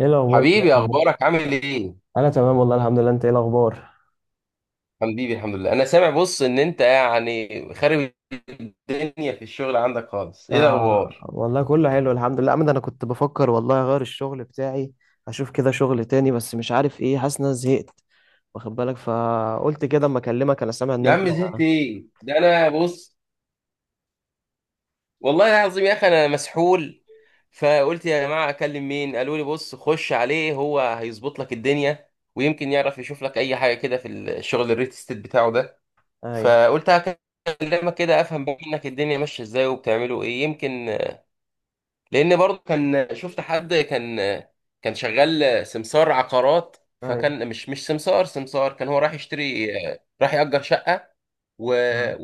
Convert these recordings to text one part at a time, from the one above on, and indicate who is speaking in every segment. Speaker 1: ايه الاخبار يا
Speaker 2: حبيبي،
Speaker 1: عم؟
Speaker 2: اخبارك عامل ايه؟
Speaker 1: انا تمام والله، الحمد لله. انت ايه الاخبار؟
Speaker 2: حبيبي الحمد لله. انا سامع بص ان انت يعني خارب الدنيا في الشغل عندك خالص. ايه
Speaker 1: آه
Speaker 2: الاخبار؟
Speaker 1: والله كله حلو، الحمد لله. عمد انا كنت بفكر والله اغير الشغل بتاعي، اشوف كده شغل تاني، بس مش عارف ايه. حاسس ان انا زهقت، واخد بالك، فقلت كده اما اكلمك. انا سامع ان
Speaker 2: يا
Speaker 1: انت...
Speaker 2: عم زهقت ايه ده؟ انا بص، والله العظيم يا اخي انا مسحول، فقلت يا جماعه اكلم مين؟ قالوا لي بص خش عليه، هو هيظبط لك الدنيا ويمكن يعرف يشوف لك اي حاجه كده في الشغل الريل استيت بتاعه ده.
Speaker 1: ايوه،
Speaker 2: فقلت هكلمك كده افهم منك الدنيا ماشيه ازاي وبتعملوا ايه، يمكن لان برضه كان شفت حد كان، كان شغال سمسار عقارات.
Speaker 1: ايوه.
Speaker 2: فكان مش سمسار، كان هو راح يشتري، راح يأجر شقة و...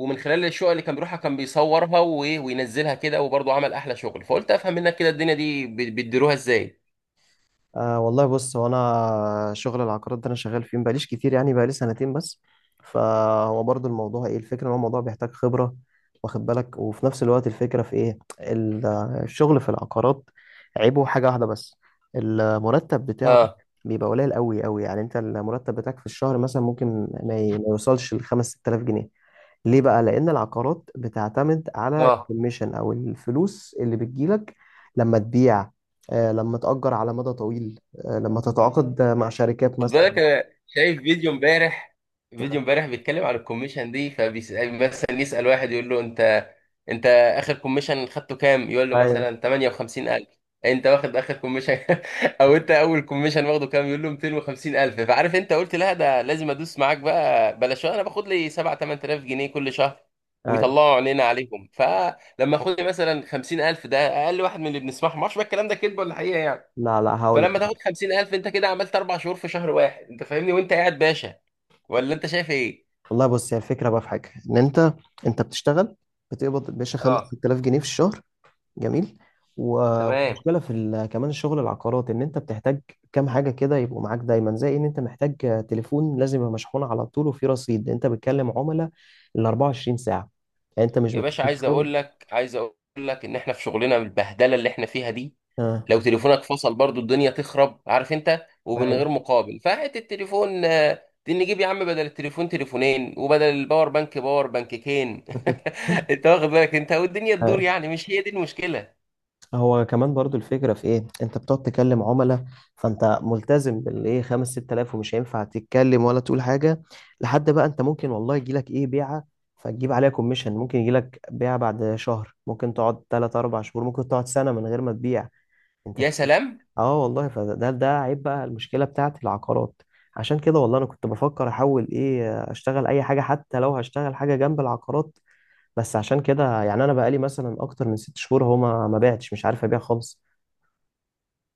Speaker 2: ومن خلال الشقق اللي كان بيروحها كان بيصورها وينزلها كده، وبرضه عمل احلى شغل. فقلت افهم منك كده الدنيا دي بيديروها ازاي.
Speaker 1: آه والله بص، هو انا شغل العقارات ده انا شغال فيه مبقاليش كتير، يعني بقالي سنتين بس. فهو برضو الموضوع، ايه الفكره، ان هو الموضوع بيحتاج خبره، واخد بالك، وفي نفس الوقت الفكره في ايه الشغل في العقارات عيبه حاجه واحده بس، المرتب بتاعه
Speaker 2: اه،
Speaker 1: بيبقى قليل قوي قوي. يعني انت المرتب بتاعك في الشهر مثلا ممكن ما يوصلش ل 5 6000 جنيه. ليه بقى؟ لأن العقارات بتعتمد على
Speaker 2: اه.
Speaker 1: الكوميشن أو الفلوس اللي بتجيلك لما تبيع، لما تأجر على مدى طويل، لما تتعاقد مع شركات
Speaker 2: خد
Speaker 1: مثلا.
Speaker 2: بالك انا شايف فيديو امبارح، فيديو امبارح بيتكلم عن الكوميشن دي، فبيسأل مثلا، يسأل واحد يقول له: انت اخر كوميشن خدته كام؟ يقول له
Speaker 1: ايوه،
Speaker 2: مثلا 58,000. انت واخد اخر كوميشن؟ او انت اول كوميشن واخده كام؟ يقول له 250,000. فعارف انت قلت لا، ده لازم ادوس معاك بقى، بلاش انا باخد لي 7 8,000 جنيه كل شهر
Speaker 1: ايوه.
Speaker 2: ويطلعوا عينينا عليهم. فلما اخد لي مثلا 50,000، ده اقل واحد من اللي بنسمعهم، ما اعرفش بقى الكلام ده كذب ولا حقيقه يعني.
Speaker 1: لا، لا، هقول
Speaker 2: فلما
Speaker 1: لك.
Speaker 2: تاخد 50,000 انت كده عملت اربع شهور في شهر واحد، انت فاهمني؟ وانت قاعد باشا، ولا انت شايف ايه؟
Speaker 1: والله بص، هي الفكرة بقى في حاجة، إن أنت بتشتغل، بتقبض يا باشا
Speaker 2: اه،
Speaker 1: 5000 جنيه في الشهر. جميل. مم.
Speaker 2: تمام.
Speaker 1: ومشكلة في كمان الشغل العقارات ان انت بتحتاج كام حاجة كده يبقوا معاك دايما، زي ان انت محتاج تليفون لازم يبقى مشحون على طول وفيه رصيد، انت بتكلم عملاء ال 24 ساعة. يعني انت مش
Speaker 2: يا
Speaker 1: بتروح
Speaker 2: باشا عايز
Speaker 1: الشغل.
Speaker 2: اقول لك، عايز اقول لك ان احنا في شغلنا بالبهدله اللي احنا فيها دي
Speaker 1: اه،
Speaker 2: لو تليفونك فصل برضو الدنيا تخرب، عارف انت، ومن غير
Speaker 1: ايوه.
Speaker 2: مقابل، فهات التليفون آه، دي نجيب يا عم بدل التليفون تليفونين وبدل الباور بانك باور بانككين. انت واخد بالك؟ انت والدنيا تدور يعني، مش هي دي المشكله.
Speaker 1: هو كمان برضو الفكرة في ايه، انت بتقعد تكلم عملاء، فانت ملتزم بالايه خمس ست الاف، ومش هينفع تتكلم ولا تقول حاجة لحد بقى انت ممكن والله يجيلك ايه بيعة، فتجيب عليها كوميشن. ممكن يجيلك بيعة بعد شهر، ممكن تقعد تلات اربع شهور، ممكن تقعد سنة من غير ما تبيع. انت
Speaker 2: يا
Speaker 1: فاهم؟
Speaker 2: سلام.
Speaker 1: اه والله، فده عيب بقى، المشكلة بتاعت العقارات. عشان كده والله انا كنت بفكر احول، ايه، اشتغل اي حاجة، حتى لو هشتغل حاجة جنب العقارات. بس عشان كده يعني، انا بقالي مثلا اكتر من 6 شهور هو ما بعتش، مش عارف ابيع خالص.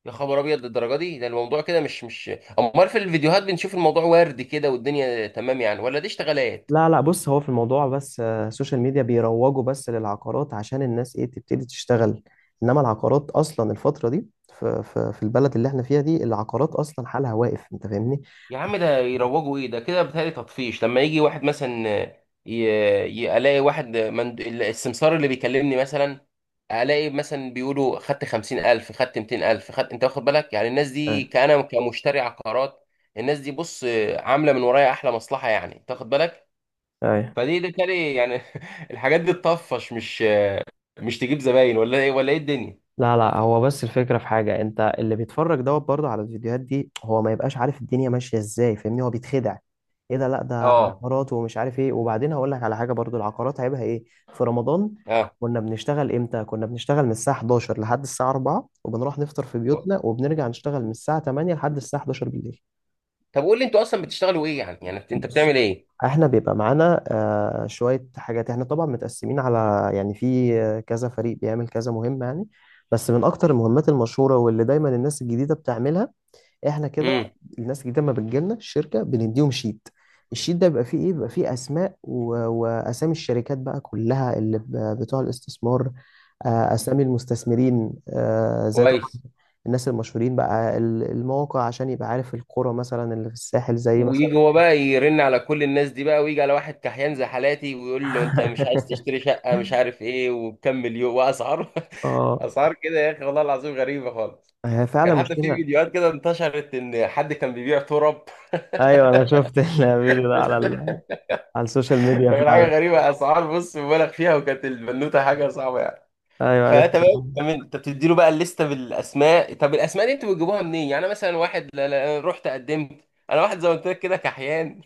Speaker 2: يا خبر ابيض، للدرجه دي ده الموضوع؟ كده مش، امال في الفيديوهات بنشوف الموضوع وردي كده والدنيا تمام يعني، ولا دي اشتغالات؟
Speaker 1: لا، لا، بص هو في الموضوع بس السوشيال ميديا بيروجوا بس للعقارات عشان الناس، ايه، تبتدي تشتغل. انما العقارات اصلا الفترة دي، في البلد اللي احنا فيها دي العقارات اصلا حالها واقف، انت فاهمني.
Speaker 2: يا عم ده يروجوا ايه؟ ده كده بيتهيألي تطفيش. لما يجي واحد مثلا، ي... الاقي واحد السمسار اللي بيكلمني مثلا، الاقي مثلا بيقولوا خدت 50,000، خدت 200,000، خدت، انت واخد بالك؟ يعني الناس
Speaker 1: اي،
Speaker 2: دي كأنا كمشتري عقارات، الناس دي بص عامله من ورايا احلى مصلحه، يعني انت واخد بالك؟
Speaker 1: اي.
Speaker 2: فدي ده كالي يعني. الحاجات دي تطفش، مش تجيب زباين، ولا ايه ولا ايه الدنيا؟
Speaker 1: لا، لا، هو بس الفكرة في حاجة، انت اللي بيتفرج دوت برضه على الفيديوهات دي هو ما يبقاش عارف الدنيا ماشية ازاي، فاهمني، هو بيتخدع. ايه ده؟ لا، ده
Speaker 2: اه،
Speaker 1: عقارات ومش عارف ايه. وبعدين هقول لك على حاجة برضه، العقارات عيبها ايه؟ في رمضان
Speaker 2: اه.
Speaker 1: كنا بنشتغل امتى؟ كنا بنشتغل من الساعة 11 لحد الساعة 4، وبنروح نفطر في
Speaker 2: و-
Speaker 1: بيوتنا، وبنرجع نشتغل من الساعة 8 لحد الساعة 11 بالليل.
Speaker 2: طب قول لي انتوا اصلا بتشتغلوا ايه يعني؟ يعني انت
Speaker 1: بص،
Speaker 2: بتعمل ايه؟
Speaker 1: احنا بيبقى معانا شوية حاجات، احنا طبعا متقسمين على، يعني، في كذا فريق بيعمل كذا مهمة يعني. بس من اكتر المهمات المشهورة واللي دايما الناس الجديدة بتعملها احنا كده.
Speaker 2: امم.
Speaker 1: الناس الجديدة ما بتجيلنا الشركة بنديهم شيت. الشيت ده بيبقى فيه ايه؟ بيبقى فيه اسماء واسامي الشركات بقى كلها اللي بتوع الاستثمار، اسامي المستثمرين، زي طبعا
Speaker 2: كويس.
Speaker 1: الناس المشهورين بقى المواقع، عشان يبقى عارف القرى مثلا اللي في الساحل، زي مثلا.
Speaker 2: ويجي هو بقى يرن على كل الناس دي بقى، ويجي على واحد كحيان زي حالاتي ويقول له: انت مش عايز تشتري شقة؟ مش عارف ايه، وبكم مليون، واسعار.
Speaker 1: اه،
Speaker 2: اسعار كده يا اخي، والله العظيم غريبة خالص.
Speaker 1: هي فعلا
Speaker 2: كان حتى في
Speaker 1: مشكلة.
Speaker 2: فيديوهات كده انتشرت ان حد كان بيبيع تراب.
Speaker 1: ايوه، انا شفت الفيديو ده على على السوشيال ميديا
Speaker 2: كان حاجة
Speaker 1: فعلا.
Speaker 2: غريبة، اسعار بص مبالغ فيها، وكانت البنوتة حاجة صعبة يعني.
Speaker 1: ايوه، عرفت.
Speaker 2: فتمام، تمام. انت بتدي له بقى الليسته بالاسماء، طب الاسماء دي انتوا بتجيبوها منين؟ يعني انا مثلا واحد، لا لا، رحت قدمت؟ انا واحد زي ما قلت لك كده كحيان.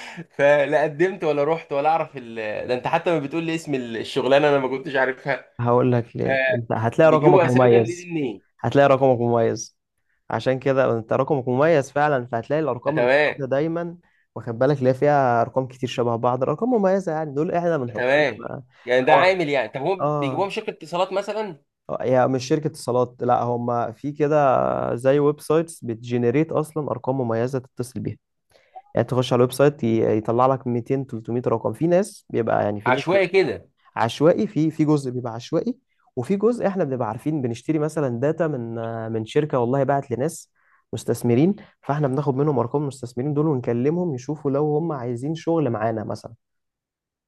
Speaker 2: فلا قدمت ولا رحت ولا اعرف ده انت حتى ما بتقول لي اسم الشغلانه انا ما كنتش عارفها.
Speaker 1: هقول لك ليه، انت هتلاقي رقمك
Speaker 2: فبيجيبوا اسامي الناس
Speaker 1: مميز.
Speaker 2: دي منين؟
Speaker 1: هتلاقي رقمك مميز عشان كده انت رقمك مميز فعلا، فهتلاقي
Speaker 2: آه،
Speaker 1: الارقام
Speaker 2: تمام.
Speaker 1: المميزة دايما، واخد بالك، اللي هي فيها ارقام كتير شبه بعض، ارقام مميزة يعني. دول احنا
Speaker 2: آه،
Speaker 1: بنحطهم
Speaker 2: تمام. يعني ده
Speaker 1: هو-
Speaker 2: عامل يعني، طب هم بيجيبوها
Speaker 1: اه،
Speaker 2: من شركه اتصالات مثلا؟
Speaker 1: اه، هي مش شركة اتصالات، لا هم في كده، زي ويب سايتس بتجنريت اصلا ارقام مميزة تتصل بيها. يعني تخش على الويب سايت، يطلع لك 200 300 رقم. في ناس بيبقى، يعني في ناس
Speaker 2: عشوائي
Speaker 1: بيبقى
Speaker 2: كده؟
Speaker 1: عشوائي، في جزء بيبقى عشوائي، وفي جزء احنا بنبقى عارفين بنشتري مثلا داتا من شركه والله باعت لناس مستثمرين، فاحنا بناخد منهم ارقام المستثمرين دول ونكلمهم يشوفوا لو هم عايزين شغل معانا مثلا،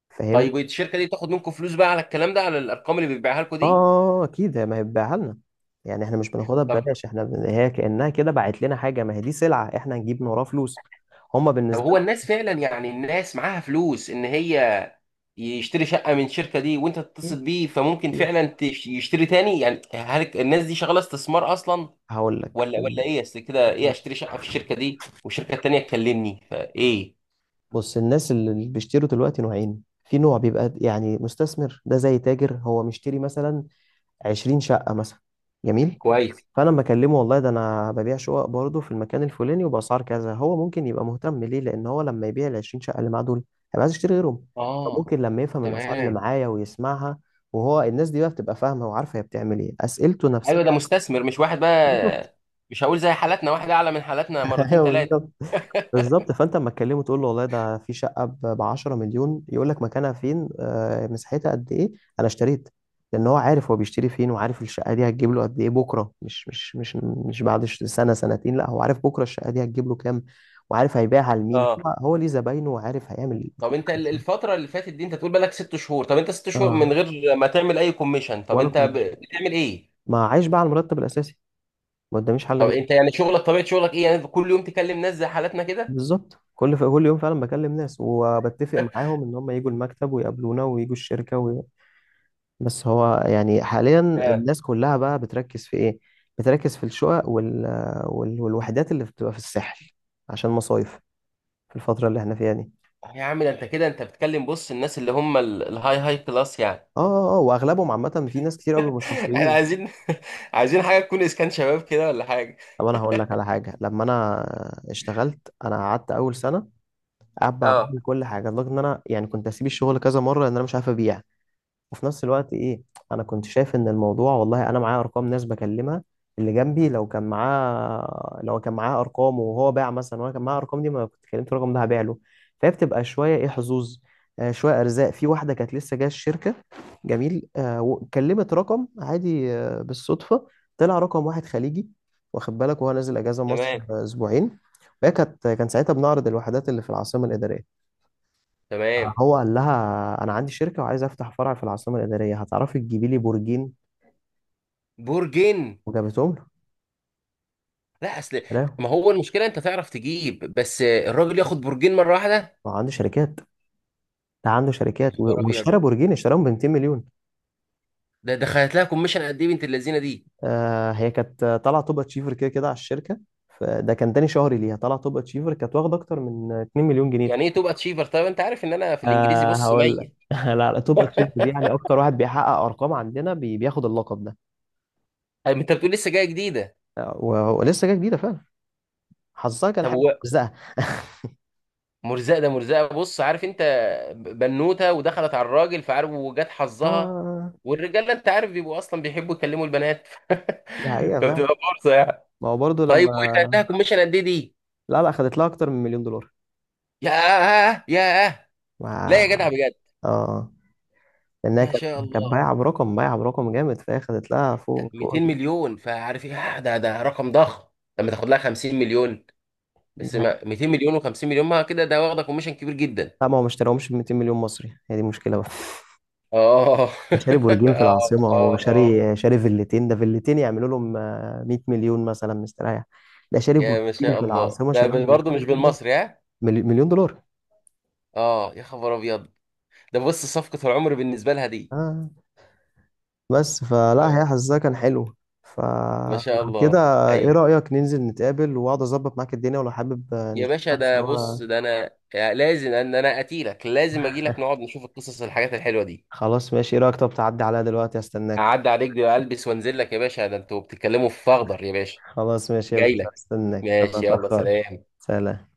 Speaker 1: فاهمني.
Speaker 2: طيب الشركه دي بتاخد منكم فلوس بقى على الكلام ده، على الارقام اللي بيبيعها لكم دي؟
Speaker 1: اه، اكيد، ما هي بتبيعها لنا، يعني احنا مش بناخدها
Speaker 2: طب،
Speaker 1: ببلاش، احنا هي كانها كده باعت لنا حاجه، ما هي دي سلعه احنا هنجيب من وراها فلوس. هم
Speaker 2: طب
Speaker 1: بالنسبه
Speaker 2: هو الناس فعلا يعني الناس معاها فلوس؟ ان هي يشتري شقة من الشركة دي وانت تتصل
Speaker 1: لهم،
Speaker 2: بيه فممكن
Speaker 1: إيه؟
Speaker 2: فعلا يشتري تاني؟ يعني هل الناس دي شغالة استثمار اصلا،
Speaker 1: هقول لك.
Speaker 2: ولا ولا ايه؟ اصل كده ايه اشتري شقة في الشركة دي والشركة التانية تكلمني فايه؟
Speaker 1: بص الناس اللي بيشتروا دلوقتي نوعين، في نوع بيبقى يعني مستثمر، ده زي تاجر، هو مشتري مثلا 20 شقة مثلا. جميل.
Speaker 2: كويس.
Speaker 1: فانا لما اكلمه والله ده انا ببيع شقق برضه في المكان الفلاني وباسعار كذا، هو ممكن يبقى مهتم، ليه؟ لان هو لما يبيع ال 20 شقة اللي معاه دول هيبقى عايز يشتري غيرهم،
Speaker 2: اه،
Speaker 1: فممكن لما يفهم الاسعار اللي
Speaker 2: تمام.
Speaker 1: معايا ويسمعها. وهو الناس دي بقى بتبقى فاهمة وعارفة هي بتعمل ايه، اسئلته نفسها.
Speaker 2: ايوه، ده مستثمر مش واحد
Speaker 1: بالظبط.
Speaker 2: بقى، مش هقول زي حالاتنا، واحد اعلى من حالاتنا مرتين ثلاثة.
Speaker 1: بالظبط، فانت اما تكلمه تقول له والله ده في شقه ب 10 مليون، يقول لك مكانها فين، مساحتها قد ايه، انا اشتريت. لان هو عارف هو بيشتري فين، وعارف الشقه دي هتجيب له قد ايه بكره، مش بعد سنه سنتين. لا هو عارف بكره الشقه دي هتجيب له كام، وعارف هيبيعها لمين،
Speaker 2: اه.
Speaker 1: هو ليه زباينه، وعارف هيعمل
Speaker 2: طب
Speaker 1: كل
Speaker 2: انت
Speaker 1: حاجه.
Speaker 2: الفترة اللي فاتت دي، انت تقول بالك ست شهور، طب انت ست شهور
Speaker 1: اه.
Speaker 2: من غير ما تعمل اي كوميشن، طب
Speaker 1: ولا
Speaker 2: انت
Speaker 1: كوميشن،
Speaker 2: بتعمل ايه؟
Speaker 1: ما عايش بقى على المرتب الاساسي، ما قداميش حل
Speaker 2: طب
Speaker 1: غير.
Speaker 2: انت يعني شغلك، طبيعة شغلك ايه؟ يعني كل يوم تكلم ناس زي حالاتنا كده؟
Speaker 1: بالظبط، كل يوم فعلا بكلم ناس وبتفق معاهم ان هم يجوا المكتب ويقابلونا ويجوا الشركه. بس هو يعني حاليا
Speaker 2: آه.
Speaker 1: الناس كلها بقى بتركز في ايه، بتركز في الشقق والوحدات اللي بتبقى في الساحل عشان مصايف في الفترة اللي احنا فيها دي.
Speaker 2: يا عم ده انت كده انت بتكلم بص الناس اللي هم الهاي، هاي كلاس يعني.
Speaker 1: اه، اه، واغلبهم عامة، في ناس كتير قوي مش
Speaker 2: احنا
Speaker 1: مصريين.
Speaker 2: عايزين، عايزين حاجه تكون اسكان شباب كده ولا حاجه.
Speaker 1: طب انا هقول لك على حاجة. لما انا اشتغلت، انا قعدت اول سنة قاعد بقى
Speaker 2: اه،
Speaker 1: بعمل كل حاجة، لدرجة ان انا يعني كنت اسيب الشغل كذا مرة لان انا مش عارف ابيع. وفي نفس الوقت ايه، انا كنت شايف ان الموضوع والله، انا معايا ارقام ناس بكلمها، اللي جنبي لو كان معاه ارقام وهو باع مثلا، وانا كان معايا ارقام دي، ما كنت كلمت الرقم ده هبيع له. فهي بتبقى شويه، ايه، حظوظ، شويه ارزاق. في واحده كانت لسه جايه الشركه، جميل، وكلمت رقم عادي، بالصدفه، طلع رقم واحد خليجي، واخد بالك، وهو نازل اجازه مصر
Speaker 2: تمام،
Speaker 1: اسبوعين. وهي كان ساعتها بنعرض الوحدات اللي في العاصمه الاداريه.
Speaker 2: تمام.
Speaker 1: هو قال لها: انا عندي شركه وعايز افتح فرع في العاصمه الاداريه، هتعرفي تجيبي لي برجين؟
Speaker 2: برجين؟
Speaker 1: وجابتهم له،
Speaker 2: لا اصل،
Speaker 1: اشتراهم.
Speaker 2: ما هو المشكله انت تعرف تجيب، بس الراجل ياخد برجين مره واحده؟
Speaker 1: هو عنده شركات، ده عنده
Speaker 2: يا
Speaker 1: شركات
Speaker 2: خبر ابيض.
Speaker 1: واشترى برجين، اشتراهم ب 200 مليون.
Speaker 2: ده دخلت لها كوميشن قد ايه بنت اللذينه دي؟
Speaker 1: آه، هي كانت طالعه توب اتشيفر كده كده على الشركه. فده كان تاني شهري ليها طالعه توب اتشيفر، كانت واخده اكتر من 2 مليون جنيه.
Speaker 2: يعني ايه تبقى تشيفر؟ طيب انت عارف ان انا في الانجليزي
Speaker 1: آه،
Speaker 2: بص
Speaker 1: هقول لك.
Speaker 2: ميت.
Speaker 1: لا، لا، توب اتشيفر دي يعني اكتر واحد بيحقق ارقام عندنا بياخد اللقب ده.
Speaker 2: طيب انت بتقول لسه جايه جديده؟
Speaker 1: ولسه جايه جديده فعلا، حظها كان
Speaker 2: طب
Speaker 1: حلو، بس
Speaker 2: مرزقه، ده مرزقه، بص عارف انت، بنوته ودخلت على الراجل، فعارف وجات حظها،
Speaker 1: اه،
Speaker 2: والرجاله انت عارف بيبقوا اصلا بيحبوا يكلموا البنات.
Speaker 1: دي حقيقة فعلا.
Speaker 2: فبتبقى فرصه يعني.
Speaker 1: ما هو برضه
Speaker 2: طيب وخدتها
Speaker 1: لما...
Speaker 2: كوميشن قد ايه دي؟
Speaker 1: لا، لا، خدت لها اكتر من مليون دولار.
Speaker 2: ياه، ياه.
Speaker 1: ما...
Speaker 2: لا يا جدع بجد؟
Speaker 1: اه، لانها
Speaker 2: ما
Speaker 1: كانت
Speaker 2: شاء
Speaker 1: كانت
Speaker 2: الله.
Speaker 1: بايعه برقم جامد، فهي خدت لها فوق فوق
Speaker 2: 200 مليون، فعارف ايه، آه، ده ده رقم ضخم. لما تاخد لها 50 مليون، بس
Speaker 1: حاجه.
Speaker 2: ما 200 مليون و50 مليون، ما كده ده واخده كوميشن كبير جدا.
Speaker 1: لا ما هو ما اشتراهمش ب 200 مليون مصري، هي دي المشكله بقى.
Speaker 2: اه.
Speaker 1: ده شاري برجين في
Speaker 2: اه،
Speaker 1: العاصمه، هو
Speaker 2: اه، اه.
Speaker 1: شاري فيلتين، ده فيلتين يعملوا لهم 100 مليون مثلا مستريح. ده شاري
Speaker 2: يا ما
Speaker 1: برجين
Speaker 2: شاء
Speaker 1: في
Speaker 2: الله،
Speaker 1: العاصمه
Speaker 2: ده
Speaker 1: شاري ب 200
Speaker 2: برضه مش
Speaker 1: مليون دولار.
Speaker 2: بالمصري ها.
Speaker 1: مليون دولار.
Speaker 2: اه، يا خبر ابيض. ده بص صفقة العمر بالنسبة لها دي.
Speaker 1: آه. بس فلا،
Speaker 2: تمام.
Speaker 1: هي حظها كان حلو،
Speaker 2: ما شاء
Speaker 1: فلو كده.
Speaker 2: الله.
Speaker 1: ايه
Speaker 2: ايوه.
Speaker 1: رأيك ننزل نتقابل واقعد اظبط معاك الدنيا، ولو حابب
Speaker 2: يا باشا
Speaker 1: نشتغل
Speaker 2: ده
Speaker 1: سوا.
Speaker 2: بص، ده انا لازم ان انا اتيلك، لازم اجي لك نقعد نشوف القصص، الحاجات الحلوة دي.
Speaker 1: خلاص ماشي. ايه رأيك، طب تعدي عليا دلوقتي؟ استناك.
Speaker 2: اعدي عليك دي، البس وانزل لك يا باشا، ده انتوا بتتكلموا في فخدر يا باشا.
Speaker 1: خلاص ماشي يا
Speaker 2: جاي
Speaker 1: باشا،
Speaker 2: لك.
Speaker 1: استناك ما
Speaker 2: ماشي يلا،
Speaker 1: اتأخرش.
Speaker 2: سلام.
Speaker 1: سلام.